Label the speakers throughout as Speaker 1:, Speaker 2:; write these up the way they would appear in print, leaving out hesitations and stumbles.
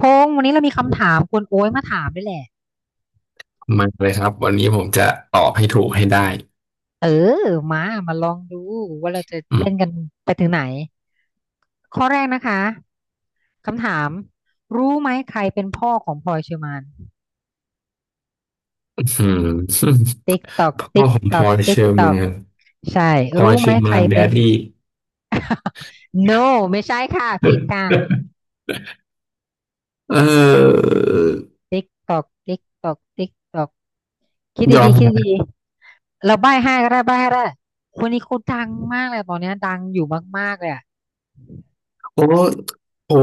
Speaker 1: พงษ์วันนี้เรามีคำถามคุณโอ้ยมาถามด้วยแหละ
Speaker 2: มาเลยครับวันนี้ผมจะตอบให้ถูกให้ได้
Speaker 1: เออมาลองดูว่าเราจะ
Speaker 2: อื
Speaker 1: เล่น
Speaker 2: ม
Speaker 1: กันไปถึงไหนข้อแรกนะคะคำถามรู้ไหมใครเป็นพ่อของพลอยเชอร์มาน
Speaker 2: อืม
Speaker 1: ติ๊กตอก
Speaker 2: พ่อ
Speaker 1: ติ๊ก
Speaker 2: ของ
Speaker 1: ต
Speaker 2: พ
Speaker 1: อ
Speaker 2: ล
Speaker 1: ก
Speaker 2: อยเช
Speaker 1: ติ๊ก
Speaker 2: อร์
Speaker 1: ตอ
Speaker 2: แมา
Speaker 1: ก
Speaker 2: น
Speaker 1: ใช่
Speaker 2: พลอ
Speaker 1: รู้
Speaker 2: ยเช
Speaker 1: ไหม
Speaker 2: อร์
Speaker 1: ใค
Speaker 2: แมา
Speaker 1: ร
Speaker 2: นแด
Speaker 1: เป็น
Speaker 2: ดดี้
Speaker 1: no ไม่ใช่ค่ะผิดค่ะ
Speaker 2: เออ
Speaker 1: ติ๊กตอกติ๊กตอกติ๊กตอกคิด
Speaker 2: ยอ
Speaker 1: ดี
Speaker 2: ม
Speaker 1: ๆคิด
Speaker 2: นะ
Speaker 1: ดีๆเราใบ้ให้ก็ได้ใบ้ให้ก็ได้คนนี้เขาดังมากเลยตอนเนี้ยดังอยู่มากๆเลยอะ
Speaker 2: โอ้โห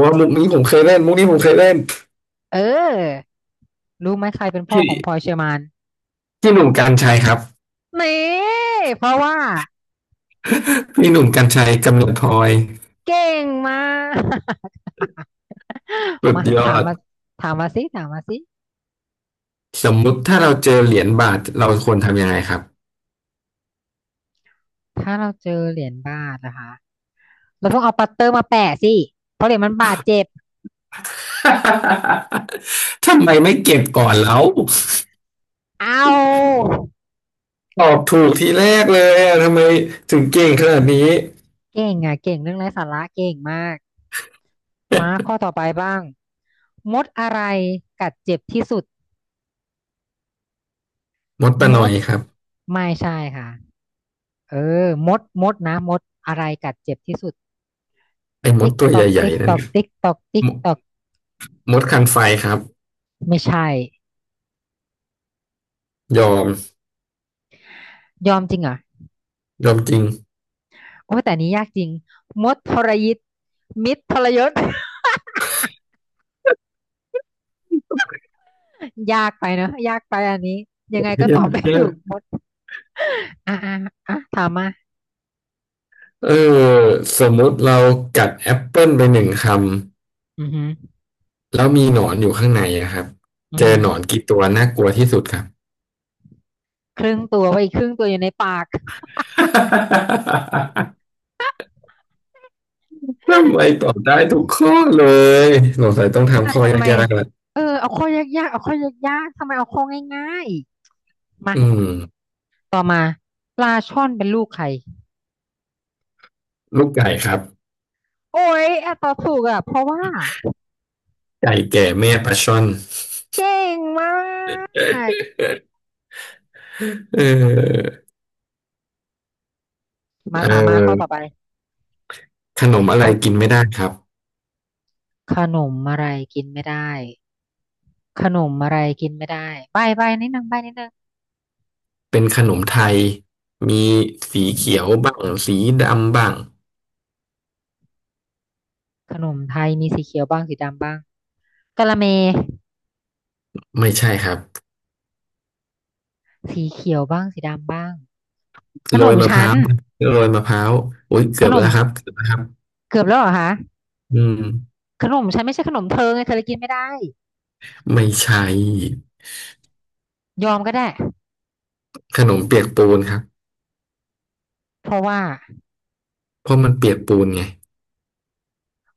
Speaker 2: มุกนี้ผมเคยเล่นมุกนี้ผมเคยเล่น
Speaker 1: เออ รู้ไหมใครเป็นพ่อ
Speaker 2: พี่
Speaker 1: ของพลอยเชอร์แมน
Speaker 2: พี่หนุ่มกรรชัยครับ
Speaker 1: นี่เพราะว่า
Speaker 2: พี่หนุ่มกรรชัยกำเนิดพลอย
Speaker 1: เก่งมาก
Speaker 2: สุ ด
Speaker 1: มา
Speaker 2: ยอ
Speaker 1: ถาม
Speaker 2: ด
Speaker 1: มาถามมาสิถามมาสิ
Speaker 2: สมมุติถ้าเราเจอเหรียญบาทเราควรทำยังไงครับ
Speaker 1: ถ้าเราเจอเหรียญบาทนะคะเราต้องเอาปัตเตอร์มาแปะสิเพราะเหรียญมันบาดเจ็บ
Speaker 2: ทำไมไม่เก็บก่อนแล้ว
Speaker 1: เอา
Speaker 2: ตอบถูกทีแรกเลยอะทำไมถึงเก่งขนาดนี้
Speaker 1: เก่งอ่ะเก่งเรื่องไร้สาระเก่งมากมาข้อต่อไปบ้างมดอะไรกัดเจ็บที่สุด
Speaker 2: มดตะ
Speaker 1: ม
Speaker 2: นอ
Speaker 1: ด
Speaker 2: ยครับ
Speaker 1: ไม่ใช่ค่ะเออมดนะมดอะไรกัดเจ็บที่สุด
Speaker 2: ไอ้มด
Speaker 1: ติ๊ก
Speaker 2: ตัว
Speaker 1: ตอก
Speaker 2: ใหญ่
Speaker 1: ติ๊ก
Speaker 2: ๆนั่
Speaker 1: ต
Speaker 2: น
Speaker 1: อกติ๊กตอกติ๊ก
Speaker 2: ม
Speaker 1: ตอก
Speaker 2: มดคันไฟครับ
Speaker 1: ไม่ใช่
Speaker 2: ยอม
Speaker 1: ยอมจริงเหรอ
Speaker 2: ยอมจริง
Speaker 1: โอ้แต่อันนี้ยากจริงมดทรยิตมิตรทรยศ ยากไปเนอะยากไปอันนี้ยังไงก็ต
Speaker 2: ยา
Speaker 1: อบ
Speaker 2: ก
Speaker 1: ไม่
Speaker 2: ยา
Speaker 1: ถูก
Speaker 2: ก
Speaker 1: มดอ่ะอ่ะอ่ะถามมา
Speaker 2: เออสมมติเรากัดแอปเปิลไปหนึ่งค
Speaker 1: อือหือ
Speaker 2: ำแล้วมีหนอนอยู่ข้างในอะครับ
Speaker 1: อือ
Speaker 2: เจอ
Speaker 1: หือ
Speaker 2: หนอนกี่ตัวน่ากลัวที่สุดครับ
Speaker 1: ครึ่งตัวไว้อีกครึ่งตัวอยู่ในปาก
Speaker 2: ทำไมตอบได้ทุกข้อเลยสงสัยต้อง
Speaker 1: อ่ะ
Speaker 2: ทำข้อ
Speaker 1: ทำไม
Speaker 2: ยากๆละ
Speaker 1: เออเอาข้อยากๆเอาข้อยากๆทำไมเอาข้อง่ายๆมา
Speaker 2: อืม
Speaker 1: ต่อมาปลาช่อนเป็นลูกใคร
Speaker 2: ลูกไก่ครับ
Speaker 1: โอ้ยอ่ะตอบถูกอ่ะเพราะว่า
Speaker 2: ไก่แก่แม่ปลาช่อน
Speaker 1: เก่งมาก
Speaker 2: เออ
Speaker 1: มา
Speaker 2: เอ่
Speaker 1: ถามมาข้อต่อไป
Speaker 2: อขนมอะไร
Speaker 1: เอา
Speaker 2: กินไม่ได้ครับ
Speaker 1: ขนมอะไรกินไม่ได้ ขนมอะไรกินไม่ได้ใบใบนิดนึงใบนิดนึง
Speaker 2: เป็นขนมไทยมีสีเขียวบ้างสีดำบ้าง
Speaker 1: ขนมไทยมีสีเขียวบ้างสีดำบ้างกะละเม
Speaker 2: ไม่ใช่ครับ
Speaker 1: สีเขียวบ้างสีดำบ้างข
Speaker 2: โร
Speaker 1: น
Speaker 2: ย
Speaker 1: ม
Speaker 2: มะพ
Speaker 1: ชั้
Speaker 2: ร้า
Speaker 1: น
Speaker 2: วโรยมะพร้าวโอ้ย
Speaker 1: ข
Speaker 2: เกือบ
Speaker 1: นม
Speaker 2: แล้วครับเกือบแล้วครับ
Speaker 1: เกือบแล้วเหรอคะ
Speaker 2: อืม
Speaker 1: ขนมชั้นไม่ใช่ขนมเธอไงเธอเลยกินไม่ได้
Speaker 2: ไม่ใช่
Speaker 1: ยอมก็ได้
Speaker 2: ขนมเปียกปูนครับ
Speaker 1: เพราะว่า
Speaker 2: เพราะมันเปียกปูนไง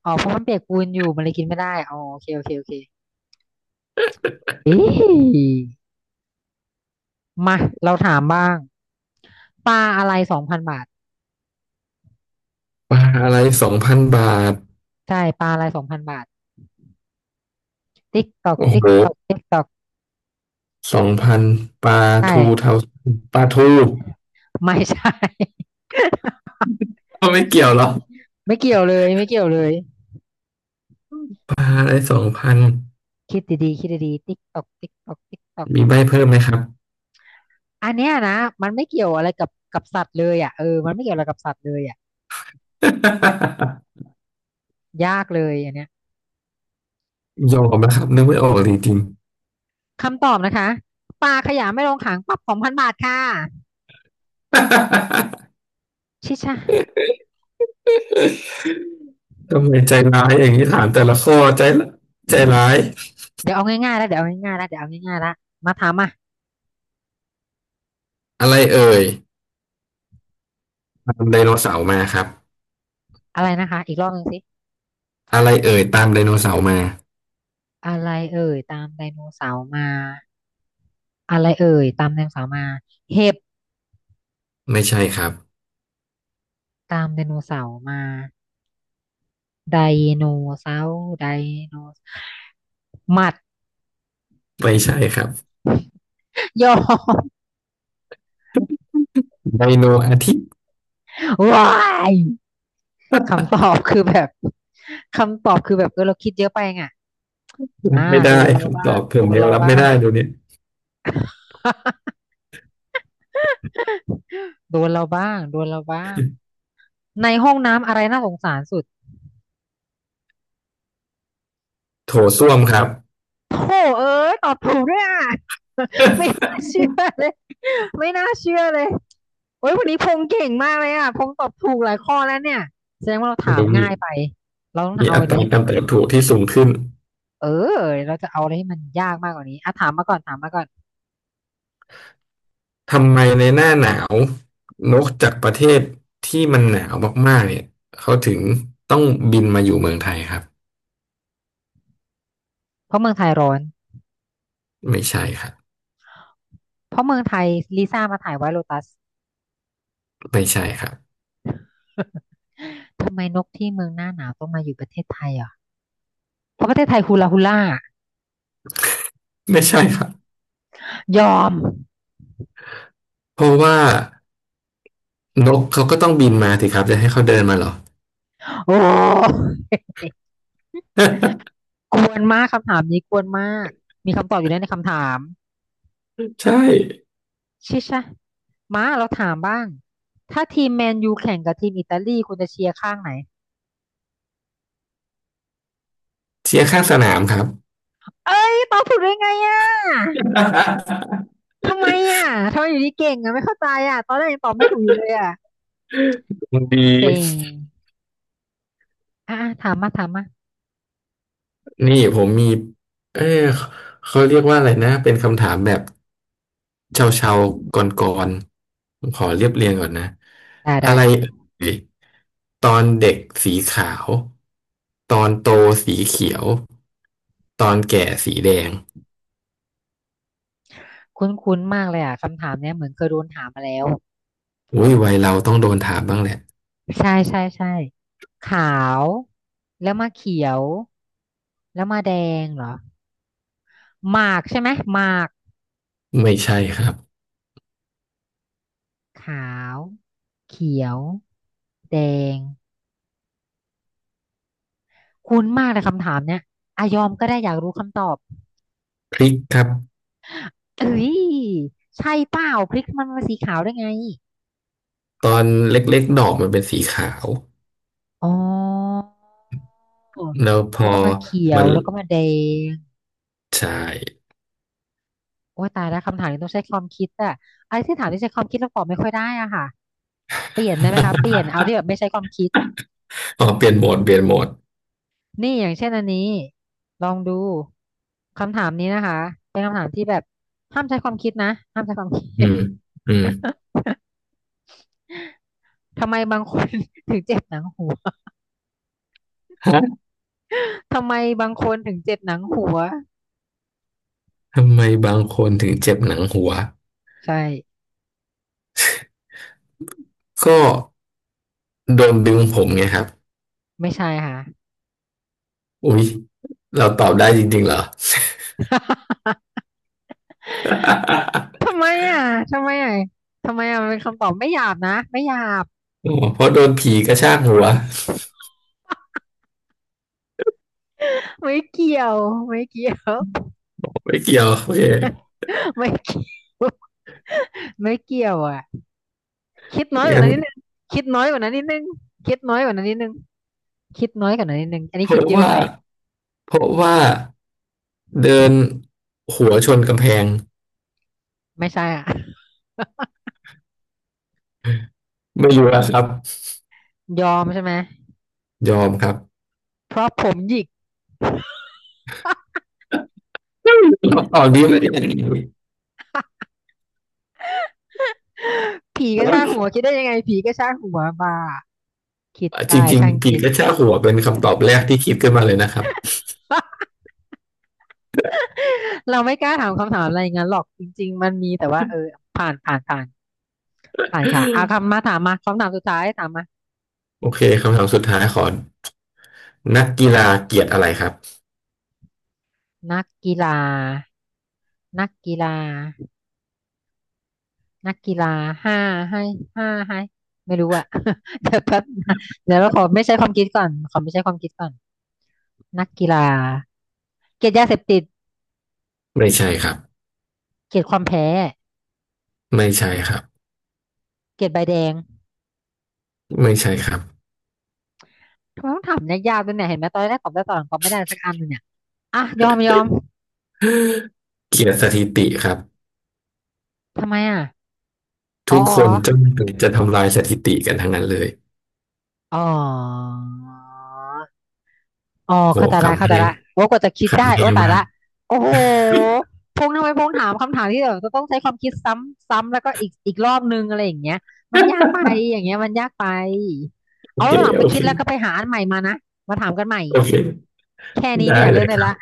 Speaker 1: อ๋อเพราะมันเปียกปูนอยู่มันเลยกินไม่ได้อ๋อโอเคโอเคโอเคเอ๊ะมาเราถามบ้างปลาอะไรสองพันบาท
Speaker 2: ปลาอะไรสองพันบาท
Speaker 1: ใช่ปลาอะไรสองพันบาทติ๊กตอก
Speaker 2: โอ้
Speaker 1: ติ๊ก
Speaker 2: โห
Speaker 1: ตอกติ๊กตอก
Speaker 2: สองพันปลา
Speaker 1: ใช่
Speaker 2: ทูเทาปลาทู
Speaker 1: ไม่ใช่
Speaker 2: ก็ไม่เกี่ยวหรอ
Speaker 1: ไม่เกี่ยวเลยไม่เกี่ยวเลย
Speaker 2: ปลาอะไรสองพัน
Speaker 1: คิดดีๆคิดดีๆติ๊กตอกติ๊กตอกติ๊กตอก
Speaker 2: มีใบเพิ่มไหมครับ
Speaker 1: อันเนี้ยนะมันไม่เกี่ยวอะไรกับสัตว์เลยอ่ะเออมันไม่เกี่ยวอะไรกับสัตว์เลยอ่ะ ยากเลยอันเนี้ย
Speaker 2: ยอมนะครับนึกไม่ออกจริง
Speaker 1: คำตอบนะคะปลาขยะไม่ลงหางปรับสองพันบาทค่ะ
Speaker 2: ๆ
Speaker 1: ชิชะ
Speaker 2: ทำไมใจร้ายอย่างนี้ถามแต่ละข้อใจละใจร้าย
Speaker 1: เดี๋ยวเอาง่ายๆแล้วเดี๋ยวเอาง่ายๆแล้วเดี๋ยวเอาง่ายๆแล้วมาถามอ่ะ
Speaker 2: อะไรเอ่ยตามไดโนเสาร์มาครับ
Speaker 1: อะไรนะคะอีกรอบหนึ่งสิ
Speaker 2: อะไรเอ่ยตามไดโนเสาร์มา
Speaker 1: อะไรเอ่ยตามไดโนเสาร์มาอะไรเอ่ยตามไดโนเสาร์มาเห็บ
Speaker 2: ไม่ใช่ครับ
Speaker 1: ตามไดโนเสาร์มาไดโนเสาร์ไดโนหมัด
Speaker 2: ไม่ใช่ครับ
Speaker 1: ยอ
Speaker 2: ไดโนอาทิตย์
Speaker 1: ว้ายคำตอบคือแบบคำตอบคือแบบเออเราคิดเยอะไปไง
Speaker 2: รั
Speaker 1: อ่า
Speaker 2: บไม่ได้
Speaker 1: โดนเรา
Speaker 2: คำ
Speaker 1: บ้า
Speaker 2: ตอ
Speaker 1: ง
Speaker 2: บผ
Speaker 1: โด
Speaker 2: ม
Speaker 1: น
Speaker 2: ยัง
Speaker 1: เรา
Speaker 2: รับ
Speaker 1: บ้า
Speaker 2: ไม่
Speaker 1: ง
Speaker 2: ได้เดูเนี่ย
Speaker 1: โดนเราบ้างโดนเราบ้างในห้องน้ำอะไรน่าสงสารสุด
Speaker 2: โถส้วมครับ
Speaker 1: โธ่เอ้ยตอบถูกด้วยอ่ะ ไม่ น่าเชื่อเลยไม่น่าเชื่อเลยโอ้ยวันนี้พงเก่งมากเลยอ่ะพงตอบถูกหลายข้อแล้วเนี่ยแสดงว่าเรา
Speaker 2: แต่
Speaker 1: ถาม
Speaker 2: ก็มี
Speaker 1: ง่ายไปเราต้อง
Speaker 2: มี
Speaker 1: เอา
Speaker 2: อั
Speaker 1: อะ
Speaker 2: ต
Speaker 1: ไร
Speaker 2: รากา
Speaker 1: ให้
Speaker 2: รเติบโตที่สูงขึ้น
Speaker 1: เออเราจะเอาอะไรให้มันยากมากกว่านี้อ่ะถามมาก่อนถามมาก่อน
Speaker 2: ทำไมในหน้าหนาวนกจากประเทศที่มันหนาวมากๆเนี่ยเขาถึงต้องบินมาอยู่เมืองไทยครับ
Speaker 1: เพราะเมืองไทยร้อน
Speaker 2: ไม่ใช่ครับ
Speaker 1: เพราะเมืองไทยลิซ่ามาถ่ายไวท์โลตัส
Speaker 2: ไม่ใช่ครับ
Speaker 1: ทำไมนกที่เมืองหน้าหนาวต้องมาอยู่ประเทศไทยอ่ะเพราะประเทศไทยฮูลาฮูล่า
Speaker 2: ไม่ใช่ครับ
Speaker 1: ยอม
Speaker 2: เพราะว่านกเขาก็ต้องบินมาสิครับจะให้เขาเดินมาเหรอ
Speaker 1: โอ้ กวนมากคำถามนี้กวนมากมีคำตอบอยู่แล้วในคำถาม
Speaker 2: ใช่
Speaker 1: ชิชะมาเราถามบ้างถ้าทีมแมนยูแข่งกับทีมอิตาลีคุณจะเชียร์ข้างไหน
Speaker 2: เชียร์ข้างสนามครับ
Speaker 1: เอ้ยตอบถูกได้ไงอ่ะทำไมอ่ะทำไมอยู่ดีเก่งอ่ะไม่เข้าใจอ่ะตอนแรกยังตอบไม่ถูกอยู่เลยอ่ะ
Speaker 2: ดี
Speaker 1: เซ็งอ่ะอ่ะถามมาถามมา
Speaker 2: นี่ผมมีเออเขาเรียกว่าอะไรนะเป็นคำถามแบบเชาเชาก่อนๆผมขอเรียบเรียงก่อนนะ
Speaker 1: ได้
Speaker 2: อะ
Speaker 1: ได้
Speaker 2: ไรเอ่ยตอนเด็กสีขาวตอนโตสีเขียวตอนแก่สีแดง
Speaker 1: คุ้นๆมากเลยอ่ะคำถามเนี้ยเหมือนเคยโดนถามมาแล้ว
Speaker 2: อุ้ยวัยเราต้องโดนถามบ้างแหละ
Speaker 1: ใช่ใช่ใช่ขาวแล้วมาเขียวแล้วมาแดงเหรอหมากใช่ไหมหมาก
Speaker 2: ไม่ใช่ครับ
Speaker 1: ขาวเขียวแดงคุ้นมากเลยคำถามเนี้ยอายอมก็ได้อยากรู้คำตอบ
Speaker 2: พริกครับ
Speaker 1: เอ้ยใช่เปล่าพริกมันมาสีขาวได้ไง
Speaker 2: ตอนเล็กๆดอกมันเป็นสีขาว
Speaker 1: อ๋อ
Speaker 2: แล้วพอ
Speaker 1: แล้วก็มาเขีย
Speaker 2: มั
Speaker 1: ว
Speaker 2: น
Speaker 1: แล้วก็มาแดง
Speaker 2: ใช่
Speaker 1: โอ้ยตายแล้วคำถามนี้ต้องใช้ความคิดอะอะไรที่ถามที่ใช้ความคิดเราตอบไม่ค่อยได้อะค่ะเปลี่ยนได้ไหมคะเปลี่ยน เอาที่แบบไม่ใช้ความคิด
Speaker 2: อ๋อเปลี่ยนโหมดเปลี่ยนโหมด
Speaker 1: นี่อย่างเช่นอันนี้ลองดูคำถามนี้นะคะเป็นคำถามที่แบบห้ามใช้ความคิดนะห้ามใช้ความค
Speaker 2: อื
Speaker 1: ิด
Speaker 2: มอืม
Speaker 1: ทำไมบางคน ถึงเจ็บหนังหัว
Speaker 2: ฮะ
Speaker 1: ทำไมบางคนถึงเจ็บหนังหัว
Speaker 2: ทำไมบางคนถึงเจ็บหนังหัว
Speaker 1: ใช่
Speaker 2: ก็โดนดึงผมไงครับ
Speaker 1: ไม่ใช่ค่ะ
Speaker 2: อุ๊ยเราตอบได้จริงๆเหรอ
Speaker 1: ทำ ไมอ่ะทำไมอ่ะทำไมอ่ะมันเป็นคำตอบไม่หยาบนะไม่หยาบ
Speaker 2: อ๋อเพราะโดนผีกระชากหัว
Speaker 1: ไม่เกี่ยวไม่เกี่ยว
Speaker 2: ไม่เกี่ยวโอเค
Speaker 1: ไม่เกี่ยว ไม่เกี่ยวอ่ะคิดน้อยกว่า
Speaker 2: งั้
Speaker 1: นั้
Speaker 2: น
Speaker 1: นนิดนึงคิดน้อยกว่านั้นนิดนึงคิดน้อยกว่านั้นนิดนึงคิดน้อยกว่านั้นนิดนึงอันนี้
Speaker 2: เพ
Speaker 1: คิด
Speaker 2: ราะ
Speaker 1: เยอะ
Speaker 2: ว่า
Speaker 1: ไป
Speaker 2: เพราะว่า เดินหัวชนกำแพง
Speaker 1: ไม่ใช่อ่ะ
Speaker 2: ไม่รู้อะครับ
Speaker 1: ยอมใช่ไหม
Speaker 2: ยอมครับ
Speaker 1: เพราะผมหยิก
Speaker 2: คำตอบนี้ไม่ได้
Speaker 1: ผีก็ช่างหัวคิดได้ยังไงผีก็ช่างหัวบ้าคิด
Speaker 2: จ
Speaker 1: ตาย
Speaker 2: ริง
Speaker 1: ช่าง
Speaker 2: ๆผี
Speaker 1: คิด
Speaker 2: กระชากหัวเป็นคำตอบแรกที่คิดขึ้นมาเลยนะครับ
Speaker 1: เราไม่กล้าถามคำถามอะไรอย่างนั้นหรอกจริงๆมันมีแต่ว่าเออผ่านผ่านผ่านผ่านค่ะเอาคำมาถามมาคำถามสุดท้ายถามมา
Speaker 2: โอเคคำถามสุดท้ายขอนักกีฬาเกลียดอะไรครับ
Speaker 1: นักกีฬานักกีฬา นักกีฬาห้าให้ห้าให้ไม่รู้อะ เดี๋ยวแป๊บนะเดี๋ยวเราขอไม่ใช้ความคิดก่อนขอไม่ใช้ความคิดก่อนนักกีฬาเกลียดยาเสพติด
Speaker 2: ไม่ใช่ครับ
Speaker 1: เกลียดความแพ้
Speaker 2: ไม่ใช่ครับ
Speaker 1: เกลียดใบแดง
Speaker 2: ไม่ใช่ครับ
Speaker 1: ทำไมต้องถามยากๆด้วยเนี่ยเห็นไหมตอนแรกตอบได้ตอนหลังตอบไม่ได้สักอันเลยเนี่ยอ่ะยอมยอม
Speaker 2: เกลียดสถิติครับ
Speaker 1: ทำไมอ่ะอ๋อ
Speaker 2: ทุกคนจะจะทำลายสถิติกันทั้งนั้นเลย
Speaker 1: อ๋ออ๋อ อ๋อ
Speaker 2: โห
Speaker 1: เข้าใจละ
Speaker 2: ขำ
Speaker 1: เข้าใจ
Speaker 2: แห้ง
Speaker 1: ละว่ากว่าจะคิดได้
Speaker 2: ขำ
Speaker 1: โอ้
Speaker 2: แห้ง
Speaker 1: ตาย
Speaker 2: มาก
Speaker 1: ละโอ้โหพงษ์ทำไมพงษ์ถามคำถามที่แบบจะต้องใช้ความคิดซ้ำซ้ำแล้วก็อีกรอบนึงอะไรอย่างเงี้ยมันยากไปอย่างเงี้ยมันยากไป
Speaker 2: โอ
Speaker 1: เอา
Speaker 2: เค
Speaker 1: หลังไป
Speaker 2: โอ
Speaker 1: คิ
Speaker 2: เค
Speaker 1: ดแล้วก็ไปหาอันใหม่มานะมาถามกันใหม่
Speaker 2: โอเค
Speaker 1: แค่นี้ไม่
Speaker 2: ได้
Speaker 1: อยาก
Speaker 2: เล
Speaker 1: เล่น
Speaker 2: ย
Speaker 1: เล
Speaker 2: ค
Speaker 1: ย
Speaker 2: รั
Speaker 1: ละ
Speaker 2: บ